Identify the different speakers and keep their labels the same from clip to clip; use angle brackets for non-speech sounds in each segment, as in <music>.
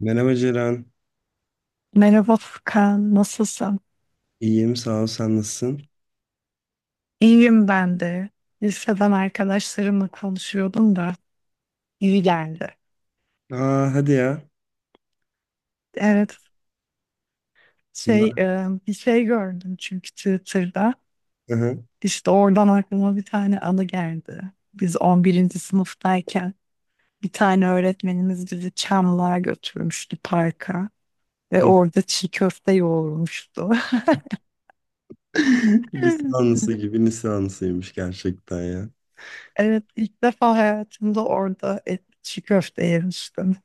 Speaker 1: Merhaba Ceren.
Speaker 2: Merhaba Furkan, nasılsın?
Speaker 1: İyiyim sağ ol, sen nasılsın?
Speaker 2: İyiyim ben de. Liseden arkadaşlarımla konuşuyordum da iyi geldi.
Speaker 1: Aa, hadi ya.
Speaker 2: Evet,
Speaker 1: Ne var?
Speaker 2: bir şey gördüm çünkü Twitter'da.
Speaker 1: Hı hı.
Speaker 2: İşte oradan aklıma bir tane anı geldi. Biz 11. sınıftayken bir tane öğretmenimiz bizi Çamlı'ya götürmüştü parka ve
Speaker 1: Hı.
Speaker 2: orada çiğ köfte yoğurmuştu.
Speaker 1: <laughs>
Speaker 2: <laughs>
Speaker 1: Lisansı gibi lisansıymış gerçekten ya.
Speaker 2: Evet, ilk defa hayatımda orada et, çiğ köfte yemiştim.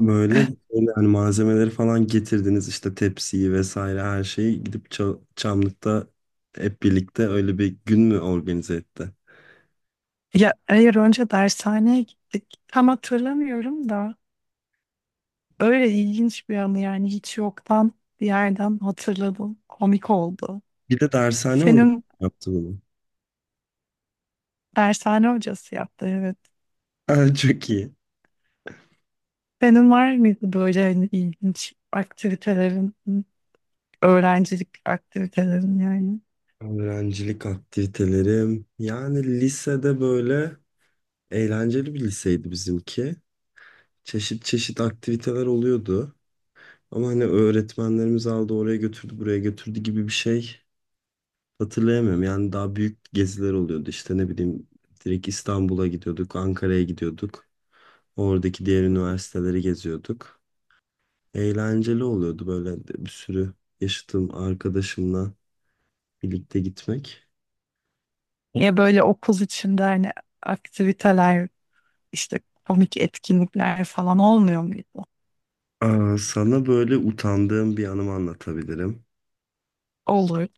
Speaker 1: Böyle böyle, hani malzemeleri falan getirdiniz, işte tepsiyi vesaire her şeyi, gidip Çamlık'ta hep birlikte öyle bir gün mü organize etti?
Speaker 2: Ya hayır önce dershaneye gittik. Tam hatırlamıyorum da öyle ilginç bir anı yani hiç yoktan bir yerden hatırladım. Komik oldu.
Speaker 1: Bir de dershane hocam
Speaker 2: Senin
Speaker 1: yaptı bunu.
Speaker 2: dershane hocası yaptı, evet.
Speaker 1: <laughs> Aa, çok iyi.
Speaker 2: Senin var mıydı böyle hani ilginç aktivitelerin, öğrencilik aktivitelerin yani?
Speaker 1: Öğrencilik aktivitelerim. Yani lisede böyle eğlenceli bir liseydi bizimki. Çeşit çeşit aktiviteler oluyordu. Ama hani öğretmenlerimiz aldı oraya götürdü buraya götürdü gibi bir şey hatırlayamıyorum. Yani daha büyük geziler oluyordu, işte ne bileyim, direkt İstanbul'a gidiyorduk, Ankara'ya gidiyorduk. Oradaki diğer üniversiteleri geziyorduk. Eğlenceli oluyordu böyle de, bir sürü yaşadığım arkadaşımla birlikte gitmek.
Speaker 2: Ya böyle okul içinde hani aktiviteler işte komik etkinlikler falan olmuyor muydu?
Speaker 1: Aa, sana böyle utandığım bir anımı anlatabilirim.
Speaker 2: Olur.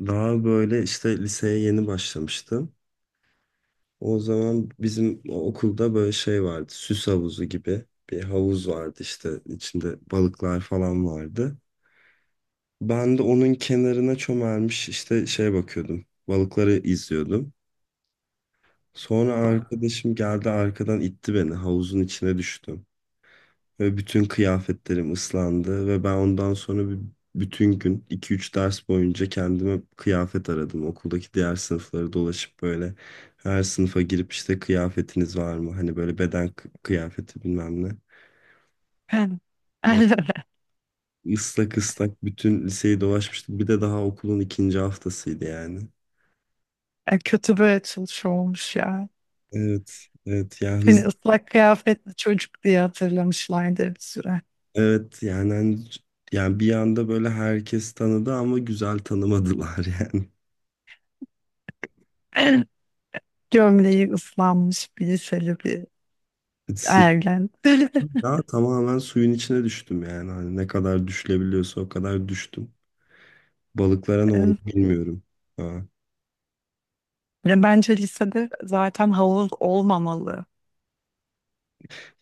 Speaker 1: Daha böyle işte liseye yeni başlamıştım. O zaman bizim okulda böyle şey vardı. Süs havuzu gibi bir havuz vardı, işte içinde balıklar falan vardı. Ben de onun kenarına çömelmiş işte şeye bakıyordum. Balıkları izliyordum. Sonra arkadaşım geldi, arkadan itti beni, havuzun içine düştüm. Ve bütün kıyafetlerim ıslandı ve ben ondan sonra bir, bütün gün iki üç ders boyunca kendime kıyafet aradım. Okuldaki diğer sınıfları dolaşıp böyle her sınıfa girip işte kıyafetiniz var mı? Hani böyle beden kıyafeti bilmem ne.
Speaker 2: Ben.
Speaker 1: Ve
Speaker 2: <laughs>
Speaker 1: Islak ıslak bütün liseyi dolaşmıştım. Bir de daha okulun ikinci haftasıydı yani.
Speaker 2: Kötü böyle çalışıyor olmuş ya.
Speaker 1: Evet, evet ya,
Speaker 2: Seni ıslak kıyafetli çocuk diye hatırlamışlardı bir süre.
Speaker 1: evet yani yani bir anda böyle herkes tanıdı ama güzel tanımadılar yani.
Speaker 2: <clears throat> Gömleği ıslanmış bir liseli bir
Speaker 1: <laughs>
Speaker 2: ergen. <laughs>
Speaker 1: Ya tamamen suyun içine düştüm yani. Hani ne kadar düşülebiliyorsa o kadar düştüm. Balıklara ne oldu
Speaker 2: E,
Speaker 1: bilmiyorum. Ha.
Speaker 2: Ya bence lisede zaten havuz olmamalı.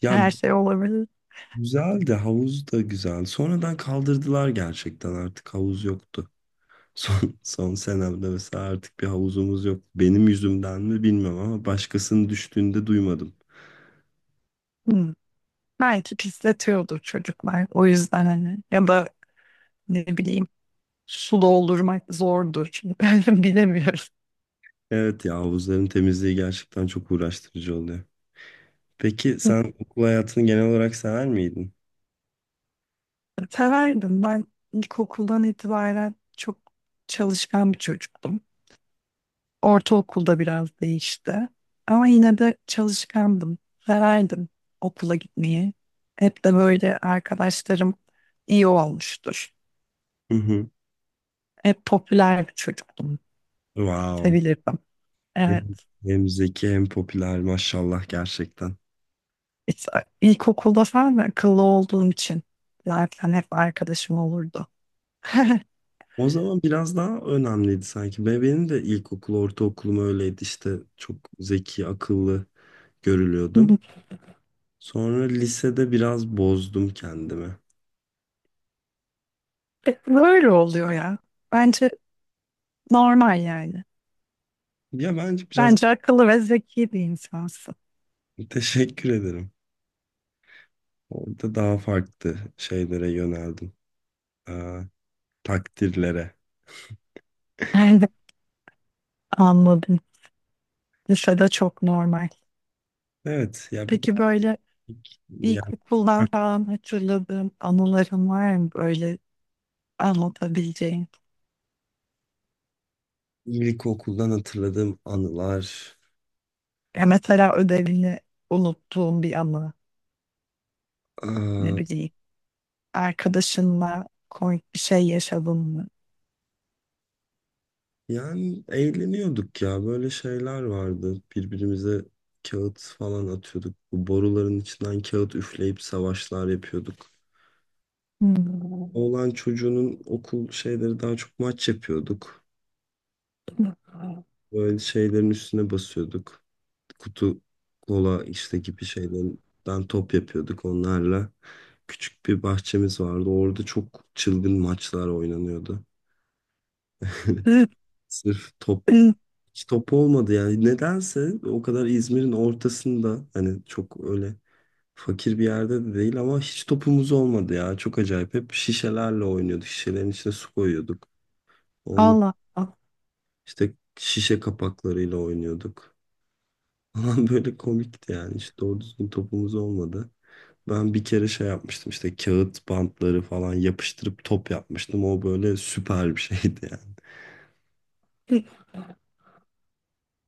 Speaker 1: Ya
Speaker 2: Her şey olabilir.
Speaker 1: güzel, de havuz da güzel. Sonradan kaldırdılar, gerçekten artık havuz yoktu. <laughs> Son, son senemde mesela artık bir havuzumuz yok. Benim yüzümden mi bilmiyorum ama başkasının düştüğünde duymadım.
Speaker 2: Hmm. Belki pisletiyordur çocuklar. O yüzden hani ya da ne bileyim su doldurmak zordur. Şimdi <laughs> ben bilemiyorum.
Speaker 1: Evet ya, havuzların temizliği gerçekten çok uğraştırıcı oluyor. Peki sen okul hayatını genel olarak sever miydin?
Speaker 2: Severdim. Ben ilkokuldan itibaren çok çalışkan bir çocuktum. Ortaokulda biraz değişti. Ama yine de çalışkandım. Severdim okula gitmeyi. Hep de böyle arkadaşlarım iyi olmuştur.
Speaker 1: Hı hı.
Speaker 2: Hep popüler bir çocuktum.
Speaker 1: Wow.
Speaker 2: Sevilirdim.
Speaker 1: Hem,
Speaker 2: Evet.
Speaker 1: hem zeki hem popüler, maşallah gerçekten.
Speaker 2: İşte ilkokulda falan da akıllı olduğum için zaten hep arkadaşım olurdu. <laughs>
Speaker 1: O zaman biraz daha önemliydi sanki. Benim de ilkokul, ortaokulum öyleydi, işte çok zeki, akıllı görülüyordum. Sonra lisede biraz bozdum kendimi.
Speaker 2: Böyle oluyor ya. Bence normal yani.
Speaker 1: Ya bence biraz
Speaker 2: Bence akıllı ve zeki bir insansın.
Speaker 1: <laughs> teşekkür ederim. Orada daha farklı şeylere yöneldim. Ee, takdirlere.
Speaker 2: <laughs> Yani anladım. Lisede çok normal.
Speaker 1: Evet ya bir de
Speaker 2: Peki böyle
Speaker 1: yani
Speaker 2: İlkokuldan falan hatırladığım anılarım var mı böyle anlatabileceğin?
Speaker 1: ilkokuldan hatırladığım anılar.
Speaker 2: Ya mesela ödevini unuttuğum bir anı ne
Speaker 1: Ee,
Speaker 2: bileyim. Arkadaşınla komik bir şey yaşadın mı?
Speaker 1: Yani eğleniyorduk ya. Böyle şeyler vardı. Birbirimize kağıt falan atıyorduk. Bu boruların içinden kağıt üfleyip savaşlar yapıyorduk.
Speaker 2: Hmm.
Speaker 1: Oğlan çocuğunun okul şeyleri, daha çok maç yapıyorduk.
Speaker 2: <laughs>
Speaker 1: Böyle şeylerin üstüne basıyorduk. Kutu kola işte gibi şeylerden top yapıyorduk onlarla. Küçük bir bahçemiz vardı. Orada çok çılgın maçlar oynanıyordu.
Speaker 2: Hı,
Speaker 1: <laughs> Sırf top,
Speaker 2: hı,
Speaker 1: hiç top olmadı yani. Nedense o kadar İzmir'in ortasında, hani çok öyle fakir bir yerde de değil ama hiç topumuz olmadı ya. Çok acayip. Hep şişelerle oynuyorduk. Şişelerin içine su koyuyorduk. Onun
Speaker 2: Allah Allah.
Speaker 1: işte şişe kapaklarıyla oynuyorduk. <laughs> Falan böyle komikti yani. Hiç doğru düzgün topumuz olmadı. Ben bir kere şey yapmıştım, işte kağıt bantları falan yapıştırıp top yapmıştım. O böyle süper bir şeydi yani.
Speaker 2: Geliyor.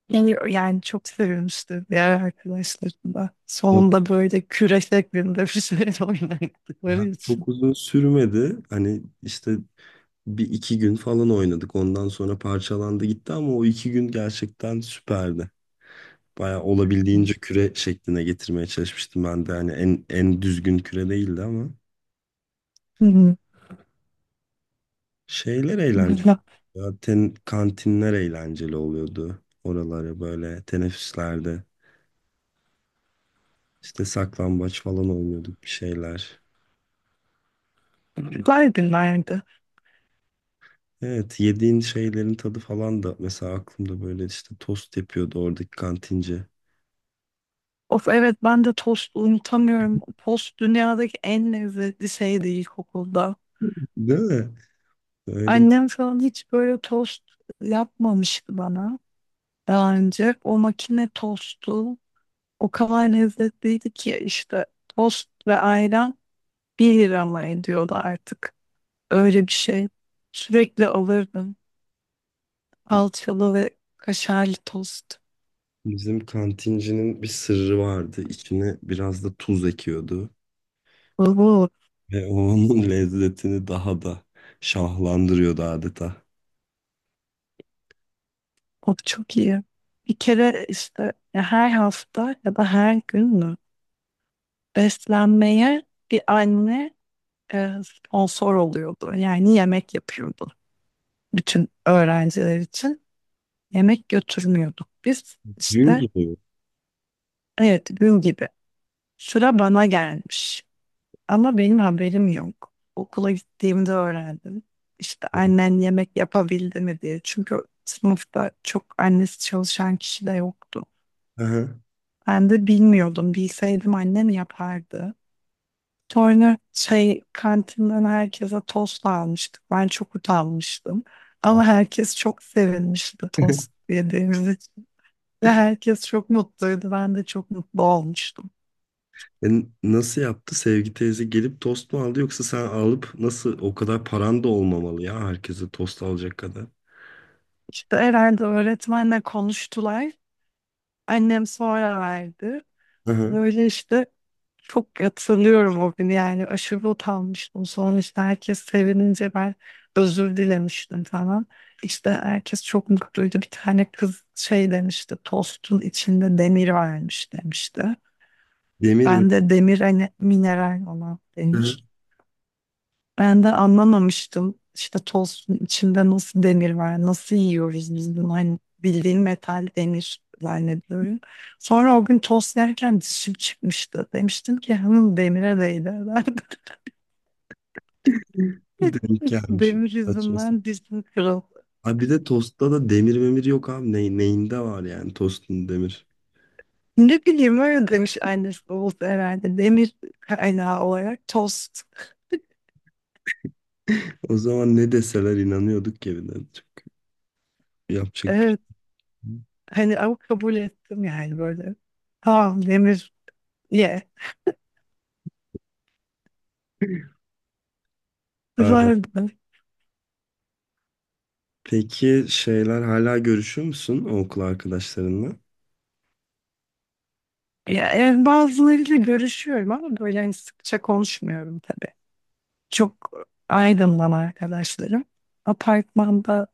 Speaker 2: Yani çok sevmiştim diğer arkadaşlarımla.
Speaker 1: Top
Speaker 2: Sonunda böyle küre şeklinde bir şey <laughs> oynattıkları
Speaker 1: ya,
Speaker 2: için.
Speaker 1: çok uzun sürmedi. Hani işte bir iki gün falan oynadık. Ondan sonra parçalandı gitti ama o iki gün gerçekten süperdi. Baya
Speaker 2: Hı.
Speaker 1: olabildiğince küre şekline getirmeye çalışmıştım ben de. Hani en, en düzgün küre değildi ama
Speaker 2: Hı.
Speaker 1: şeyler eğlenceli.
Speaker 2: Güzel.
Speaker 1: Zaten kantinler eğlenceli oluyordu. Oraları böyle teneffüslerde işte saklambaç falan oynuyorduk, bir şeyler.
Speaker 2: Güzel günlerdi.
Speaker 1: Evet, yediğin şeylerin tadı falan da mesela aklımda, böyle işte tost yapıyordu oradaki kantinci.
Speaker 2: Of, evet ben de tost unutamıyorum. Tost dünyadaki en lezzetli şeydi ilkokulda.
Speaker 1: Değil mi? Öyle.
Speaker 2: Annem falan hiç böyle tost yapmamıştı bana daha önce. O makine tostu o kadar lezzetliydi ki işte tost ve ayran 1 lira mı ediyordu artık. Öyle bir şey. Sürekli alırdım. Salçalı ve kaşarlı tost.
Speaker 1: Bizim kantincinin bir sırrı vardı. İçine biraz da tuz ekiyordu.
Speaker 2: Oo,
Speaker 1: Ve o onun <laughs> lezzetini daha da şahlandırıyordu adeta.
Speaker 2: o çok iyi. Bir kere işte ya her hafta ya da her gün mü beslenmeye bir anne sponsor oluyordu. Yani yemek yapıyordu bütün öğrenciler için. Yemek götürmüyorduk biz.
Speaker 1: Gün
Speaker 2: İşte
Speaker 1: doğuyor.
Speaker 2: evet gün gibi sıra bana gelmiş ama benim haberim yok. Okula gittiğimde öğrendim. İşte annen yemek yapabildi mi diye. Çünkü sınıfta çok annesi çalışan kişi de yoktu.
Speaker 1: Aha.
Speaker 2: Ben de bilmiyordum. Bilseydim annem yapardı. Sonra şey kantinden herkese tost almıştık. Ben çok utanmıştım. Ama herkes çok sevinmişti tost yediğimiz için. Ve herkes çok mutluydu. Ben de çok mutlu olmuştum.
Speaker 1: E, nasıl yaptı? Sevgi teyze gelip tost mu aldı, yoksa sen alıp? Nasıl, o kadar paran da olmamalı ya herkese tost alacak kadar.
Speaker 2: İşte herhalde öğretmenle konuştular. Annem sonra verdi.
Speaker 1: Aha.
Speaker 2: Böyle işte çok hatırlıyorum o günü yani aşırı utanmıştım. Sonra işte herkes sevinince ben özür dilemiştim falan. İşte herkes çok mutluydu. Bir tane kız şey demişti tostun içinde demir varmış demişti.
Speaker 1: Demir mi?
Speaker 2: Ben de demir hani mineral olan
Speaker 1: Aha.
Speaker 2: demiş. Ben de anlamamıştım işte tostun içinde nasıl demir var, nasıl yiyoruz biz bunu, hani bildiğin metal demir zannediyorum. Sonra o gün tost yerken dişim çıkmıştı. Demiştim ki hanım demire değdi. <laughs>
Speaker 1: Denk
Speaker 2: <laughs>
Speaker 1: gelmiş.
Speaker 2: Demir
Speaker 1: Saçma sapan.
Speaker 2: yüzünden dizim kırıldı.
Speaker 1: Abi bir de tostta da demir memir yok abi. Ne, neyinde var yani tostun demir.
Speaker 2: Ne bileyim öyle demiş annesi oldu herhalde. Demir kaynağı olarak tost.
Speaker 1: O zaman ne deseler inanıyorduk ki bir de. Yapacak bir şey
Speaker 2: Evet.
Speaker 1: yok.
Speaker 2: Hani ama kabul ettim yani böyle. Tamam demir ye.
Speaker 1: Aa,
Speaker 2: Güzeldi.
Speaker 1: peki şeyler hala görüşüyor musun o okul arkadaşlarınla?
Speaker 2: Ya, yani bazılarıyla görüşüyorum ama böyle hani sıkça konuşmuyorum tabii. Çok aydınlan arkadaşlarım. Apartmanda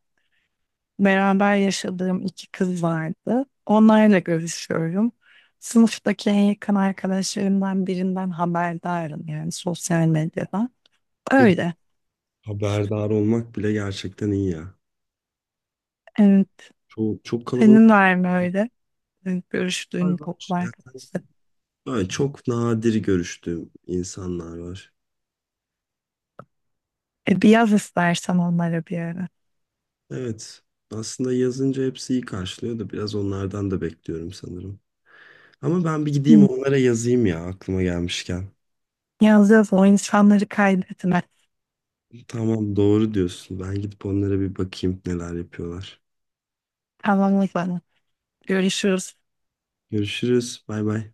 Speaker 2: beraber yaşadığım iki kız vardı. Onlarla görüşüyorum. Sınıftaki en yakın arkadaşlarımdan birinden haberdarım yani sosyal medyada.
Speaker 1: Yok.
Speaker 2: Öyle.
Speaker 1: Haberdar olmak bile gerçekten iyi ya.
Speaker 2: Evet.
Speaker 1: Çok, çok kalabalık.
Speaker 2: Senin var mı öyle? Evet, görüştüğün
Speaker 1: Var.
Speaker 2: okul
Speaker 1: Ya,
Speaker 2: arkadaşları.
Speaker 1: böyle çok nadir görüştüğüm insanlar var.
Speaker 2: E, bir yaz istersen onlara bir ara.
Speaker 1: Evet. Aslında yazınca hepsi iyi karşılıyor da biraz onlardan da bekliyorum sanırım. Ama ben bir gideyim
Speaker 2: Hı,
Speaker 1: onlara yazayım ya, aklıma gelmişken.
Speaker 2: yaz yaz o insanları kaydetme.
Speaker 1: Tamam, doğru diyorsun. Ben gidip onlara bir bakayım neler yapıyorlar.
Speaker 2: Tamam o zaman. Görüşürüz.
Speaker 1: Görüşürüz. Bay bay.